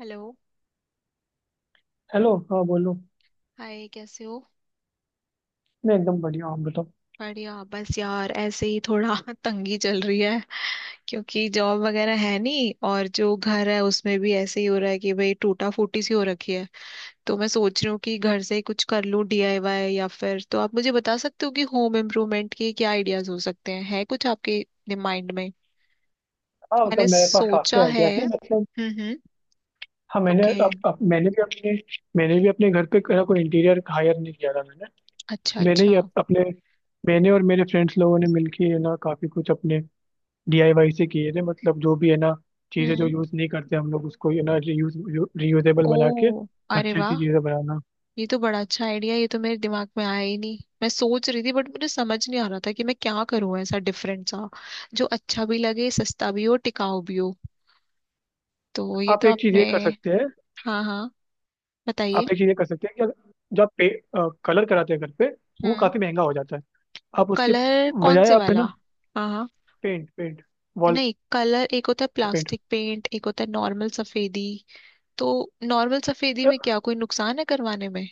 Hello. Hello. हाँ, बोलो। Hi, कैसे हो। मैं एकदम बढ़िया हूँ। आप बताओ। बढ़िया। बस यार ऐसे ही थोड़ा तंगी चल रही है। क्योंकि जॉब वगैरह है नहीं, और जो घर है उसमें भी ऐसे ही हो रहा है कि भाई टूटा फूटी सी हो रखी है। तो मैं सोच रही हूँ कि घर से ही कुछ कर लूँ, डीआईवाई, या फिर तो आप मुझे बता सकते हो कि होम इम्प्रूवमेंट के क्या आइडियाज हो सकते हैं। है कुछ आपके माइंड में। हाँ, मैंने मतलब मेरे पास काफी सोचा है। आइडिया थे मतलब। हम्म, हम्म। हाँ, ओके। मैंने भी अपने घर पे कोई कोई इंटीरियर हायर नहीं किया था मैंने। अच्छा, मैंने ही अच्छा। अप, अपने मैंने और मेरे फ्रेंड्स लोगों ने मिलके, है ना, काफी कुछ अपने डीआईवाई से किए थे मतलब। जो भी है ना, चीजें जो हम्म। यूज नहीं करते हम लोग, उसको, है ना, रीयूजेबल बना के ओ। अरे अच्छी अच्छी वाह। चीजें बनाना। ये तो बड़ा अच्छा आइडिया। ये तो मेरे दिमाग में आया ही नहीं। मैं सोच रही थी, बट मुझे समझ नहीं आ रहा था कि मैं क्या करूं ऐसा डिफरेंट सा, जो अच्छा भी लगे, सस्ता भी हो, टिकाऊ भी हो। तो ये आप तो एक चीज आपने। ये कर सकते हैं। हाँ, हाँ, बताइए। आप एक चीज ये कर सकते हैं कि अगर- जो आप पे, कलर कराते हैं घर पे, वो हम्म। काफी महंगा हो जाता है। आप उसके कलर कौन बजाय, से आप, है ना, वाला। हाँ, हाँ। पेंट पेंट वॉल नहीं, कलर एक होता है, पेंट। प्लास्टिक पेंट एक होता है, नॉर्मल सफेदी। तो। नॉर्मल सफेदी में क्या कोई नुकसान है करवाने में।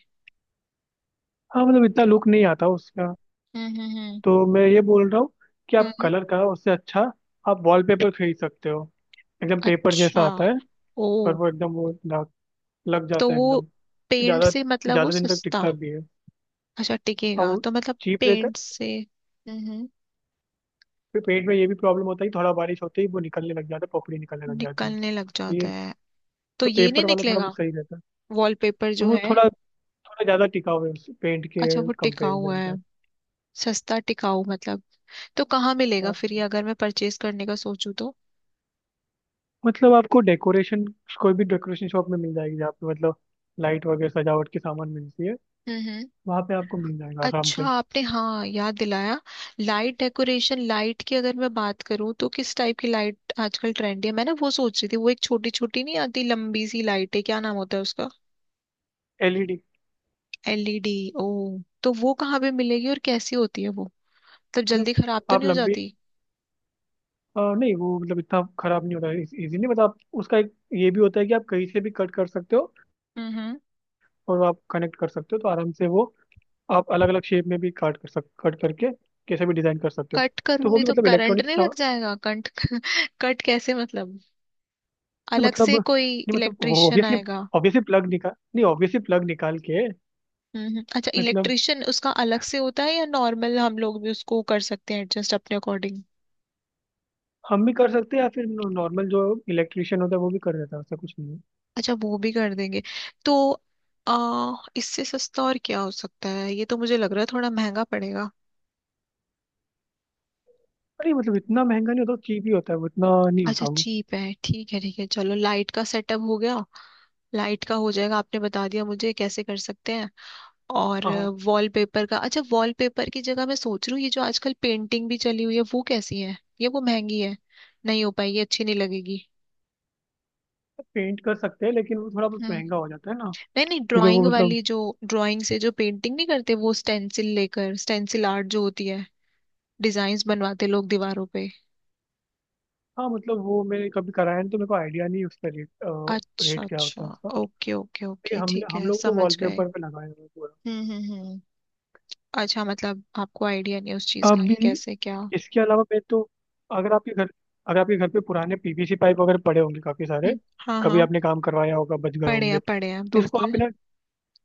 हाँ, मतलब इतना लुक नहीं आता उसका। हम्म, हम्म, हम्म, तो मैं ये बोल रहा हूँ कि आप हम्म। कलर का उससे अच्छा आप वॉलपेपर खरीद सकते हो। एकदम पेपर जैसा अच्छा। आता है, ओ। और वो एकदम लग तो जाता है वो एकदम। पेंट ज़्यादा से मतलब वो ज़्यादा दिन तक सस्ता। टिकता भी है, अच्छा, और टिकेगा वो तो मतलब चीप रहता है। पेंट से। हम्म। फिर पेंट में ये भी प्रॉब्लम होता है कि थोड़ा बारिश होते ही वो निकलने लग जाता है, पपड़ी निकलने लग जाती है। निकलने लग तो जाता ये, है। तो तो ये नहीं पेपर वाला थोड़ा बहुत निकलेगा। सही रहता वॉलपेपर है, जो वो है। थोड़ा थोड़ा ज़्यादा टिकाऊ है उस पेंट के अच्छा, वो टिकाऊ हुआ कंपेरिजन है। पे। सस्ता टिकाऊ मतलब। तो कहाँ मिलेगा फिर ये, अगर मैं परचेज करने का सोचूं तो। मतलब आपको डेकोरेशन कोई भी डेकोरेशन शॉप में मिल जाएगी, जहाँ पे, मतलब, लाइट वगैरह सजावट के सामान मिलती है, हम्म। वहाँ पे आपको मिल जाएगा आराम अच्छा, से। आपने हाँ याद दिलाया। लाइट, डेकोरेशन लाइट की अगर मैं बात करूँ, तो किस टाइप की लाइट आजकल ट्रेंडी है। मैं ना वो सोच रही थी, वो एक छोटी छोटी नहीं आती लंबी सी लाइट है, क्या नाम होता है उसका। एलईडी। एलईडी। ओ। तो वो कहाँ पे मिलेगी और कैसी होती है वो। तब मतलब जल्दी खराब तो आप नहीं हो लंबी जाती। नहीं, वो, मतलब इतना खराब नहीं होता है इजीली। मतलब आप उसका एक ये भी होता है कि आप कहीं से भी कट कर सकते हो, हम्म। और वो आप कनेक्ट कर सकते हो, तो आराम से वो आप अलग अलग शेप में भी काट कर सक कट करके कैसे भी डिजाइन कर सकते हो। कट तो वो करूंगी भी तो मतलब करंट इलेक्ट्रॉनिक। नहीं लग जाएगा। कट। कट कैसे मतलब। अलग मतलब से कोई नहीं, मतलब वो इलेक्ट्रिशियन ऑब्वियसली आएगा। ऑब्वियसली प्लग निकाल, नहीं, ऑब्वियसली प्लग निकाल के। हम्म, अच्छा, मतलब इलेक्ट्रिशियन उसका अलग से होता है या नॉर्मल हम लोग भी उसको कर सकते हैं एडजस्ट अपने अकॉर्डिंग। हम भी कर सकते हैं, या फिर नॉर्मल जो इलेक्ट्रिशियन होता है वो भी कर देता है, उससे कुछ नहीं है। अच्छा, वो भी कर देंगे। तो इससे सस्ता और क्या हो सकता है। ये तो मुझे लग रहा है थोड़ा महंगा पड़ेगा। अरे, मतलब इतना महंगा नहीं होता, चीप ही होता है, वो इतना नहीं अच्छा, होता वो। चीप है। ठीक है, ठीक है, चलो लाइट का सेटअप हो गया। लाइट का हो जाएगा, आपने बता दिया मुझे कैसे कर सकते हैं। और। हाँ, वॉलपेपर का अच्छा, वॉलपेपर की जगह मैं सोच रही हूँ, ये जो आजकल पेंटिंग भी चली हुई है वो कैसी है। ये वो महंगी है, नहीं हो पाएगी, अच्छी नहीं लगेगी। पेंट कर सकते हैं, लेकिन वो थोड़ा बहुत हम्म। महंगा हो जाता है ना, नहीं, नहीं, क्योंकि ड्राइंग वो, मतलब। वाली जो, ड्राइंग से जो पेंटिंग नहीं करते वो स्टेंसिल लेकर स्टेंसिल आर्ट जो होती है, डिजाइन्स बनवाते लोग दीवारों पे। हाँ, मतलब वो मैंने कभी कराया नहीं, तो मेरे को आइडिया नहीं है उसका रेट। अच्छा, रेट क्या अच्छा। होता है उसका। ओके, ओके, लेकिन ओके, हम ठीक हम है, लोग तो समझ गए। वॉलपेपर पे लगाए हुए हैं पूरा। हम्म, हम्म, अच्छा, मतलब आपको आइडिया नहीं है उस चीज का अभी कि कैसे क्या। इसके अलावा मैं तो, अगर आपके घर अगर आपके घर पे पुराने पीवीसी पाइप वगैरह पड़े होंगे काफी सारे, हाँ, कभी हाँ। आपने काम करवाया होगा, बच गए पढ़े होंगे, हैं, पढ़े हैं, तो उसको बिल्कुल। आप, ना,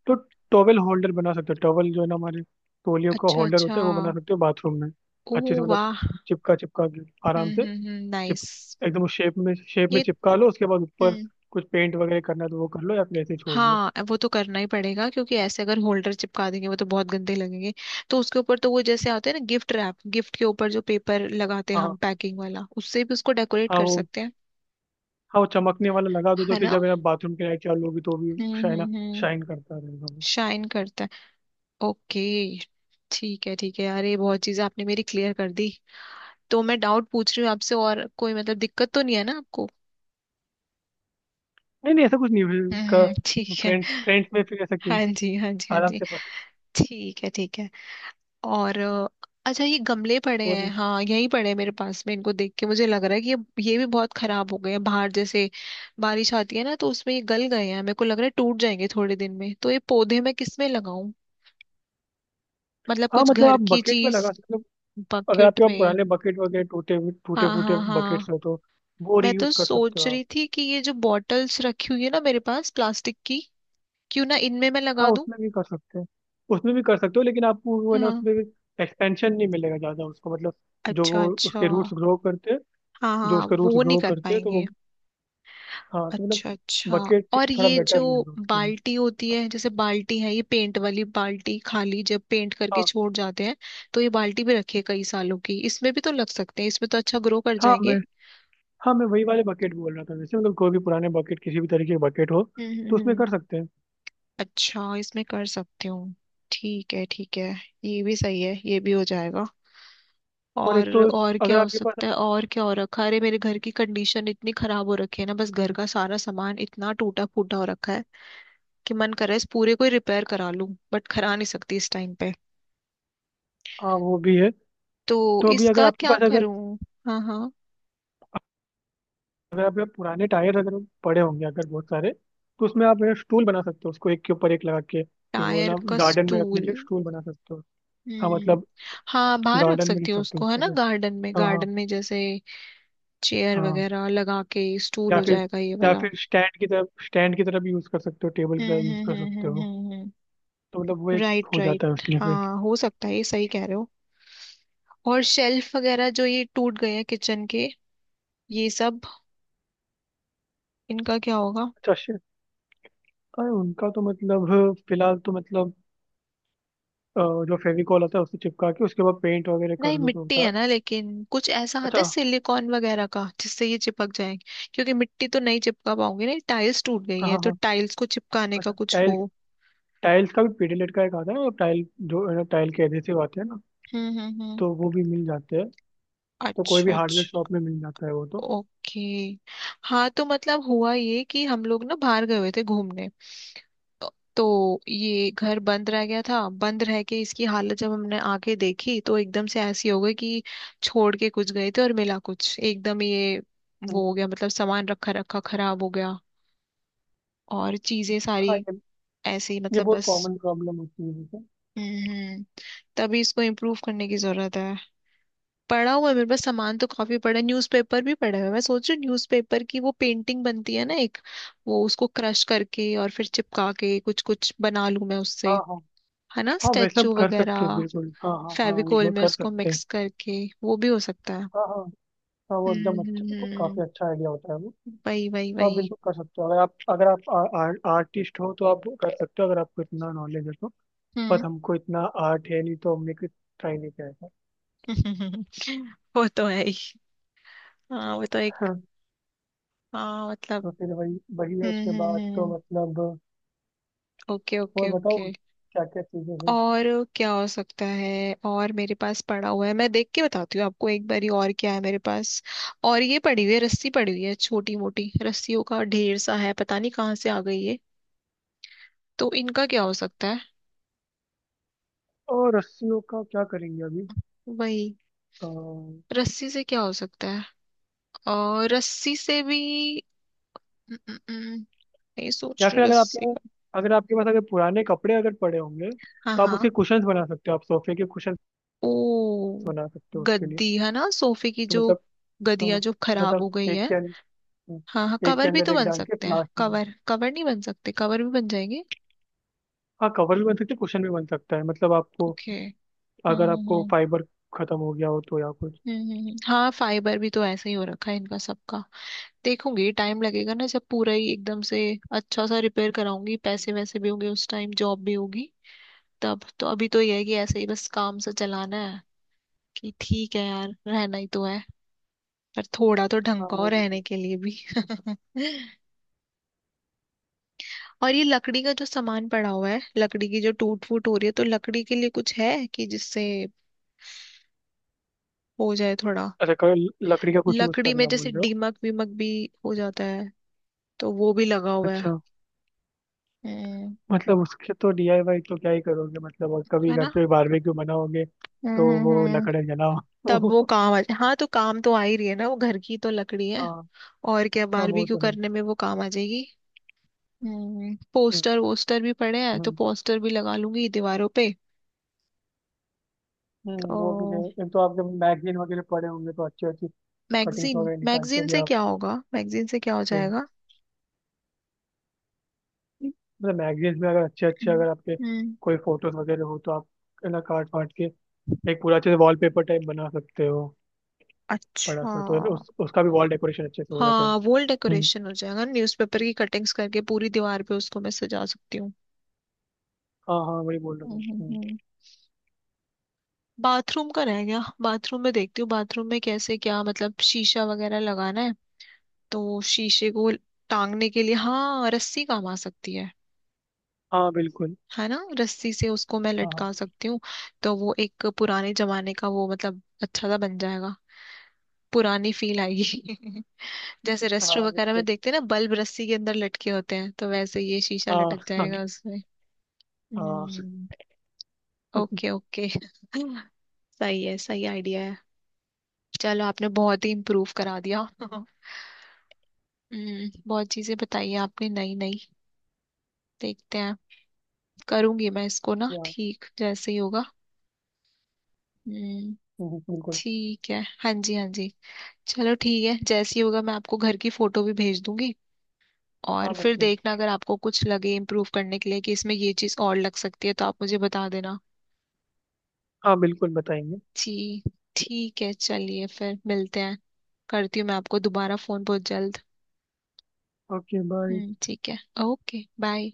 तो टॉवेल होल्डर बना सकते हो। टॉवेल जो है ना, हमारे तौलियों का अच्छा, होल्डर अच्छा। होता है, वो बना सकते हो बाथरूम में। ओह अच्छे से, मतलब, वाह। चिपका चिपका के आराम हम्म, से। हम्म, हम्म, चिप नाइस। एकदम शेप में, शेप ये। में चिपका लो। उसके बाद ऊपर हम्म। कुछ पेंट वगैरह करना है तो वो कर लो, या फिर ऐसे ही छोड़ दो। हाँ, वो तो करना ही पड़ेगा क्योंकि ऐसे अगर होल्डर चिपका देंगे वो तो बहुत गंदे लगेंगे। तो उसके ऊपर तो वो जैसे आते हैं ना, गिफ्ट रैप, गिफ्ट के ऊपर जो पेपर लगाते हैं हम हाँ पैकिंग वाला, उससे भी उसको डेकोरेट हाँ, कर वो, सकते हैं। हाँ, वो चमकने वाला लगा दो, तो है फिर ना। जब, है ना, बाथरूम की लाइट चालू होगी, तो भी हम्म, शाइन हम्म, हम्म। शाइन करता रहेगा वो। शाइन करता है। ओके। ठीक है, ठीक है, अरे बहुत चीजें आपने मेरी क्लियर कर दी। तो मैं डाउट पूछ रही हूँ आपसे और, कोई मतलब दिक्कत तो नहीं है ना आपको। नहीं नहीं, ऐसा कुछ नहीं है, हम्म, का। ठीक है। फ्रेंड्स फ्रेंड्स में फिर ऐसा क्यों। हाँ जी, हाँ जी, हाँ आराम जी। से। ठीक है, ठीक है। और अच्छा, ये गमले पड़े और, हैं। हाँ, यहीं पड़े हैं मेरे पास में। इनको देख के मुझे लग रहा है कि ये भी बहुत खराब हो गए हैं। बाहर जैसे बारिश आती है ना, तो उसमें ये गल गए हैं। मेरे को लग रहा है टूट जाएंगे थोड़े दिन में। तो ये पौधे मैं किसमें लगाऊं, मतलब हाँ, कुछ मतलब घर आप की बकेट में चीज। लगा सकते हो। अगर आपके बकेट पास में। पुराने बकेट वगैरह टूटे हाँ, फूटे हाँ, बकेट्स हाँ। हो, तो वो मैं तो रीयूज कर सकते हो सोच आप। रही थी कि ये जो बॉटल्स रखी हुई है ना मेरे पास, प्लास्टिक की, क्यों ना इनमें मैं हाँ, लगा दूं। उसमें भी कर सकते हैं। उसमें भी कर सकते हो, लेकिन आपको वो, है ना, हाँ। उसमें एक्सपेंशन नहीं मिलेगा ज़्यादा उसको, मतलब जो अच्छा, वो अच्छा। उसके रूट्स ग्रो करते हैं हाँ, जो हाँ, उसके रूट्स वो नहीं ग्रो कर करते हैं तो पाएंगे। वो। हाँ, तो मतलब अच्छा, अच्छा। बकेट और ठीक, थोड़ा ये जो बेटर रहेगा उसके लिए। बाल्टी होती है, जैसे बाल्टी है ये पेंट वाली बाल्टी, खाली जब पेंट करके हाँ छोड़ जाते हैं। तो ये बाल्टी भी रखिए कई सालों की, इसमें भी तो लग सकते हैं, इसमें तो अच्छा ग्रो कर हाँ, जाएंगे। मैं वही वाले बकेट बोल रहा था, जैसे, मतलब, कोई भी पुराने बकेट, किसी भी तरीके के बकेट हो, हम्म, तो हम्म, उसमें कर सकते हैं। अच्छा, इसमें कर सकती हूँ। ठीक है, ठीक है। ये भी सही है, ये भी हो जाएगा। और और एक तो, और क्या अगर हो आपके पास, सकता है, और क्या हो रखा है। अरे मेरे घर की कंडीशन इतनी खराब हो रखी है ना, बस घर का सारा सामान इतना टूटा फूटा हो रखा है कि मन कर रहा है इस पूरे को ही रिपेयर करा लूं, बट करा नहीं सकती इस टाइम पे। हाँ वो भी है, तो तो अभी अगर इसका आपके क्या पास, अगर करूं। हाँ, हाँ। अगर आप पुराने टायर अगर पड़े होंगे, अगर बहुत सारे, तो उसमें आप एक स्टूल बना सकते हो, उसको एक के ऊपर एक लगा के, कि वो, टायर ना, का गार्डन में रखने के स्टूल। लिए स्टूल बना सकते हो। हाँ, हम्म। मतलब हाँ, बाहर रख गार्डन में सकती रख हूँ सकते हो उसको है उसको ना, फिर। गार्डन में, हाँ हाँ गार्डन में जैसे। चेयर हाँ। वगैरह लगा के। स्टूल या हो फिर जाएगा ये या वाला। फिर स्टैंड की तरह भी यूज कर सकते हो, टेबल की हम्म, तरह यूज हम्म, कर हम्म, सकते हम्म, हो। हम्म, तो मतलब वो एक राइट, हो जाता है राइट, उसमें फिर। हाँ, हो सकता है, ये सही कह रहे हो। और शेल्फ वगैरह जो ये टूट गए हैं किचन के, ये सब, इनका क्या होगा। अच्छा, शे अरे, उनका तो, मतलब, फिलहाल तो, मतलब, अ, जो फेविकॉल होता है उससे चिपका के, उसके बाद पेंट वगैरह कर नहीं, लो, तो मिट्टी होता है। है ना, लेकिन कुछ ऐसा आता है अच्छा, सिलिकॉन वगैरह का जिससे ये चिपक जाए। क्योंकि मिट्टी तो नहीं चिपका पाओगे, नहीं टाइल्स टूट गई हाँ है, हाँ तो हाँ। टाइल्स को चिपकाने का अच्छा, कुछ टाइल्स हो। टाइल्स का भी पीडीलेट का एक आता है ना, टाइल, जो है ना, टाइल के एडहेसिव आते हैं ना, हम्म, हम्म, हम्म। तो वो भी मिल जाते हैं, तो कोई भी अच्छा, हार्डवेयर अच्छा। शॉप में मिल जाता है वो तो। ओके। हाँ, तो मतलब हुआ ये कि हम लोग ना बाहर गए हुए थे घूमने, तो ये घर बंद रह गया था। बंद रह के इसकी हालत जब हमने आके देखी तो एकदम से ऐसी हो गई कि, छोड़ के कुछ गए थे और मिला कुछ एकदम ये, वो हो गया मतलब सामान रखा रखा खराब हो गया, और चीजें सारी हाँ, ये ऐसे ही ये मतलब बहुत बस। कॉमन प्रॉब्लम होती है, जैसे। हम्म। तभी इसको इम्प्रूव करने की जरूरत है। पड़ा हुआ है मेरे पास सामान तो काफी पड़ा है, न्यूज़पेपर भी पड़ा हुआ है। मैं सोच रही हूँ न्यूज़पेपर की वो पेंटिंग बनती है ना एक, वो उसको क्रश करके और फिर चिपका के कुछ कुछ बना लूं मैं उससे। हाँ हाँ है ना, हाँ, वैसा स्टेचू कर सकते हैं, वगैरह। बिल्कुल, हाँ हाँ हाँ, फेविकोल वो में कर उसको सकते हैं। मिक्स करके। वो भी हो सकता है। हाँ हाँ हाँ, वो हम्म, एकदम हम्म, अच्छा, काफ़ी अच्छा आइडिया होता है वो। वही, वही, तो आप वही। बिल्कुल कर सकते हो, अगर आप, अगर आप आ, आ, आर्टिस्ट हो, तो आप कर सकते हो, अगर आपको इतना नॉलेज है तो। हम्म। बट हमको इतना आर्ट है नहीं, तो हमने कुछ ट्राई नहीं किया था। वो तो है ही। हाँ, वो तो एक। हाँ, हाँ, मतलब। तो फिर वही वही है, उसके हम्म, हम्म, बाद तो, हम्म। मतलब। ओके, और ओके, बताओ, ओके। क्या क्या चीजें हैं। और। क्या हो सकता है और मेरे पास पड़ा हुआ है, मैं देख के बताती हूँ आपको एक बारी, और क्या है मेरे पास। और ये पड़ी हुई है रस्सी, पड़ी हुई है, छोटी मोटी रस्सियों का ढेर सा है, पता नहीं कहाँ से आ गई ये, तो इनका क्या हो सकता है। और रस्सियों का क्या करेंगे अभी? वही। अ, रस्सी से क्या हो सकता है। और रस्सी से भी। अम, अम, अम, नहीं, सोच या रही फिर हूँ अगर रस्सी आपके का। अगर आपके पास अगर पुराने कपड़े अगर पड़े होंगे, हाँ, तो आप उसके हाँ। कुशन्स बना सकते हो, आप सोफे के कुशन्स ओ। बना सकते हो उसके लिए। गद्दी है ना सोफे की तो जो, मतलब अ, गदिया जो खराब हो मतलब, गई एक है। के अंदर, हाँ, हाँ, एक के कवर भी अंदर तो एक बन डाल के, सकते फिर हैं, लास्ट में। कवर कवर नहीं बन सकते, कवर भी बन जाएंगे। हाँ, कवर भी बन सकते, कुशन भी बन सकता है। मतलब आपको ओके। हम्म, अगर हम्म, आपको हम्म, फाइबर खत्म हो गया हो, तो या कुछ। हाँ, फाइबर भी तो ऐसे ही हो रखा है इनका सबका। देखूंगी, टाइम लगेगा ना, जब पूरा ही एकदम से अच्छा सा रिपेयर कराऊंगी, पैसे वैसे भी होंगे उस टाइम, जॉब भी होगी तब तो। अभी तो यह है कि ऐसे ही बस काम से चलाना है, कि ठीक है यार रहना ही तो है, पर थोड़ा तो ढंग हाँ का हो वो भी है। रहने के लिए भी और ये लकड़ी का जो सामान पड़ा हुआ है, लकड़ी की जो टूट फूट हो रही है, तो लकड़ी के लिए कुछ है कि जिससे हो जाए थोड़ा। अच्छा, कल लकड़ी का कुछ यूज लकड़ी में करना जैसे बोल रहे हो? दीमक वीमक भी हो जाता है, तो वो भी लगा हुआ है। अच्छा, हम्म। मतलब उसके तो डीआईवाई तो क्या ही करोगे, मतलब। और कभी है ना। घर पे बारबेक्यू बनाओगे, हम्म, तो हम्म, वो लकड़े तब जलाओ। वो काम आ, हाँ तो काम तो आ ही रही है ना वो, घर की तो लकड़ी है। हाँ और क्या, हाँ, वो बारबेक्यू तो है। करने में वो काम आ जाएगी। हम्म। पोस्टर वोस्टर भी पड़े हैं, तो पोस्टर भी लगा लूंगी दीवारों पे। वो भी है। तो। एक तो आपके मैगजीन वगैरह पड़े होंगे, तो अच्छी अच्छी कटिंग्स मैगजीन, वगैरह निकाल के मैगजीन भी से आप, क्या होगा, मैगजीन से क्या हो तो जाएगा। मतलब मैगजीन में अगर अच्छे अच्छे, हम्म, अगर आपके हम्म। कोई फोटोज वगैरह हो, तो आप, है ना, काट फाट के एक पूरा अच्छे से वॉलपेपर टाइप बना सकते हो, बड़ा अच्छा। सा तो, है ना, उस उसका भी वॉल डेकोरेशन अच्छे से हो जाता है। हाँ, वॉल हम्म। डेकोरेशन हो जाएगा, न्यूज़पेपर की कटिंग्स करके पूरी दीवार पे उसको मैं सजा सकती हूँ। हाँ हाँ, वही बोल हम्म, रहा हम्म, था। हम्म। बाथरूम का रह गया, बाथरूम में देखती हूँ, बाथरूम में कैसे क्या। मतलब शीशा वगैरह लगाना है, तो शीशे को टांगने के लिए हाँ, रस्सी काम आ सकती है। हाँ बिल्कुल, है ना, रस्सी से उसको मैं हाँ लटका सकती हूँ। तो वो एक पुराने जमाने का, वो मतलब अच्छा सा बन जाएगा। पुरानी फील आएगी। जैसे हाँ हाँ रेस्टोरेंट वगैरह में बिल्कुल, देखते हैं ना, बल्ब रस्सी के अंदर लटके होते हैं, तो वैसे ये शीशा हाँ लटक हाँ जाएगा। हाँ, हम्म। ओके, ओके सही है, सही आइडिया है। चलो, आपने बहुत ही इम्प्रूव करा दिया हम्म, बहुत चीजें बताई हैं आपने, नई नई। देखते हैं। करूंगी मैं इसको ना या, ठीक, जैसे ही होगा। हम्म, बिल्कुल, ठीक है, हाँ जी, हाँ जी। चलो ठीक है, जैसे ही होगा मैं आपको घर की फोटो भी भेज दूंगी। और हाँ फिर बिल्कुल, देखना, अगर आपको कुछ लगे इम्प्रूव करने के लिए कि इसमें ये चीज और लग सकती है, तो आप मुझे बता देना। हाँ बिल्कुल बताएंगे। जी। ठीक है, चलिए फिर मिलते हैं। करती हूँ मैं आपको दोबारा फोन बहुत जल्द। Okay, bye. हम्म, ठीक है। Okay bye.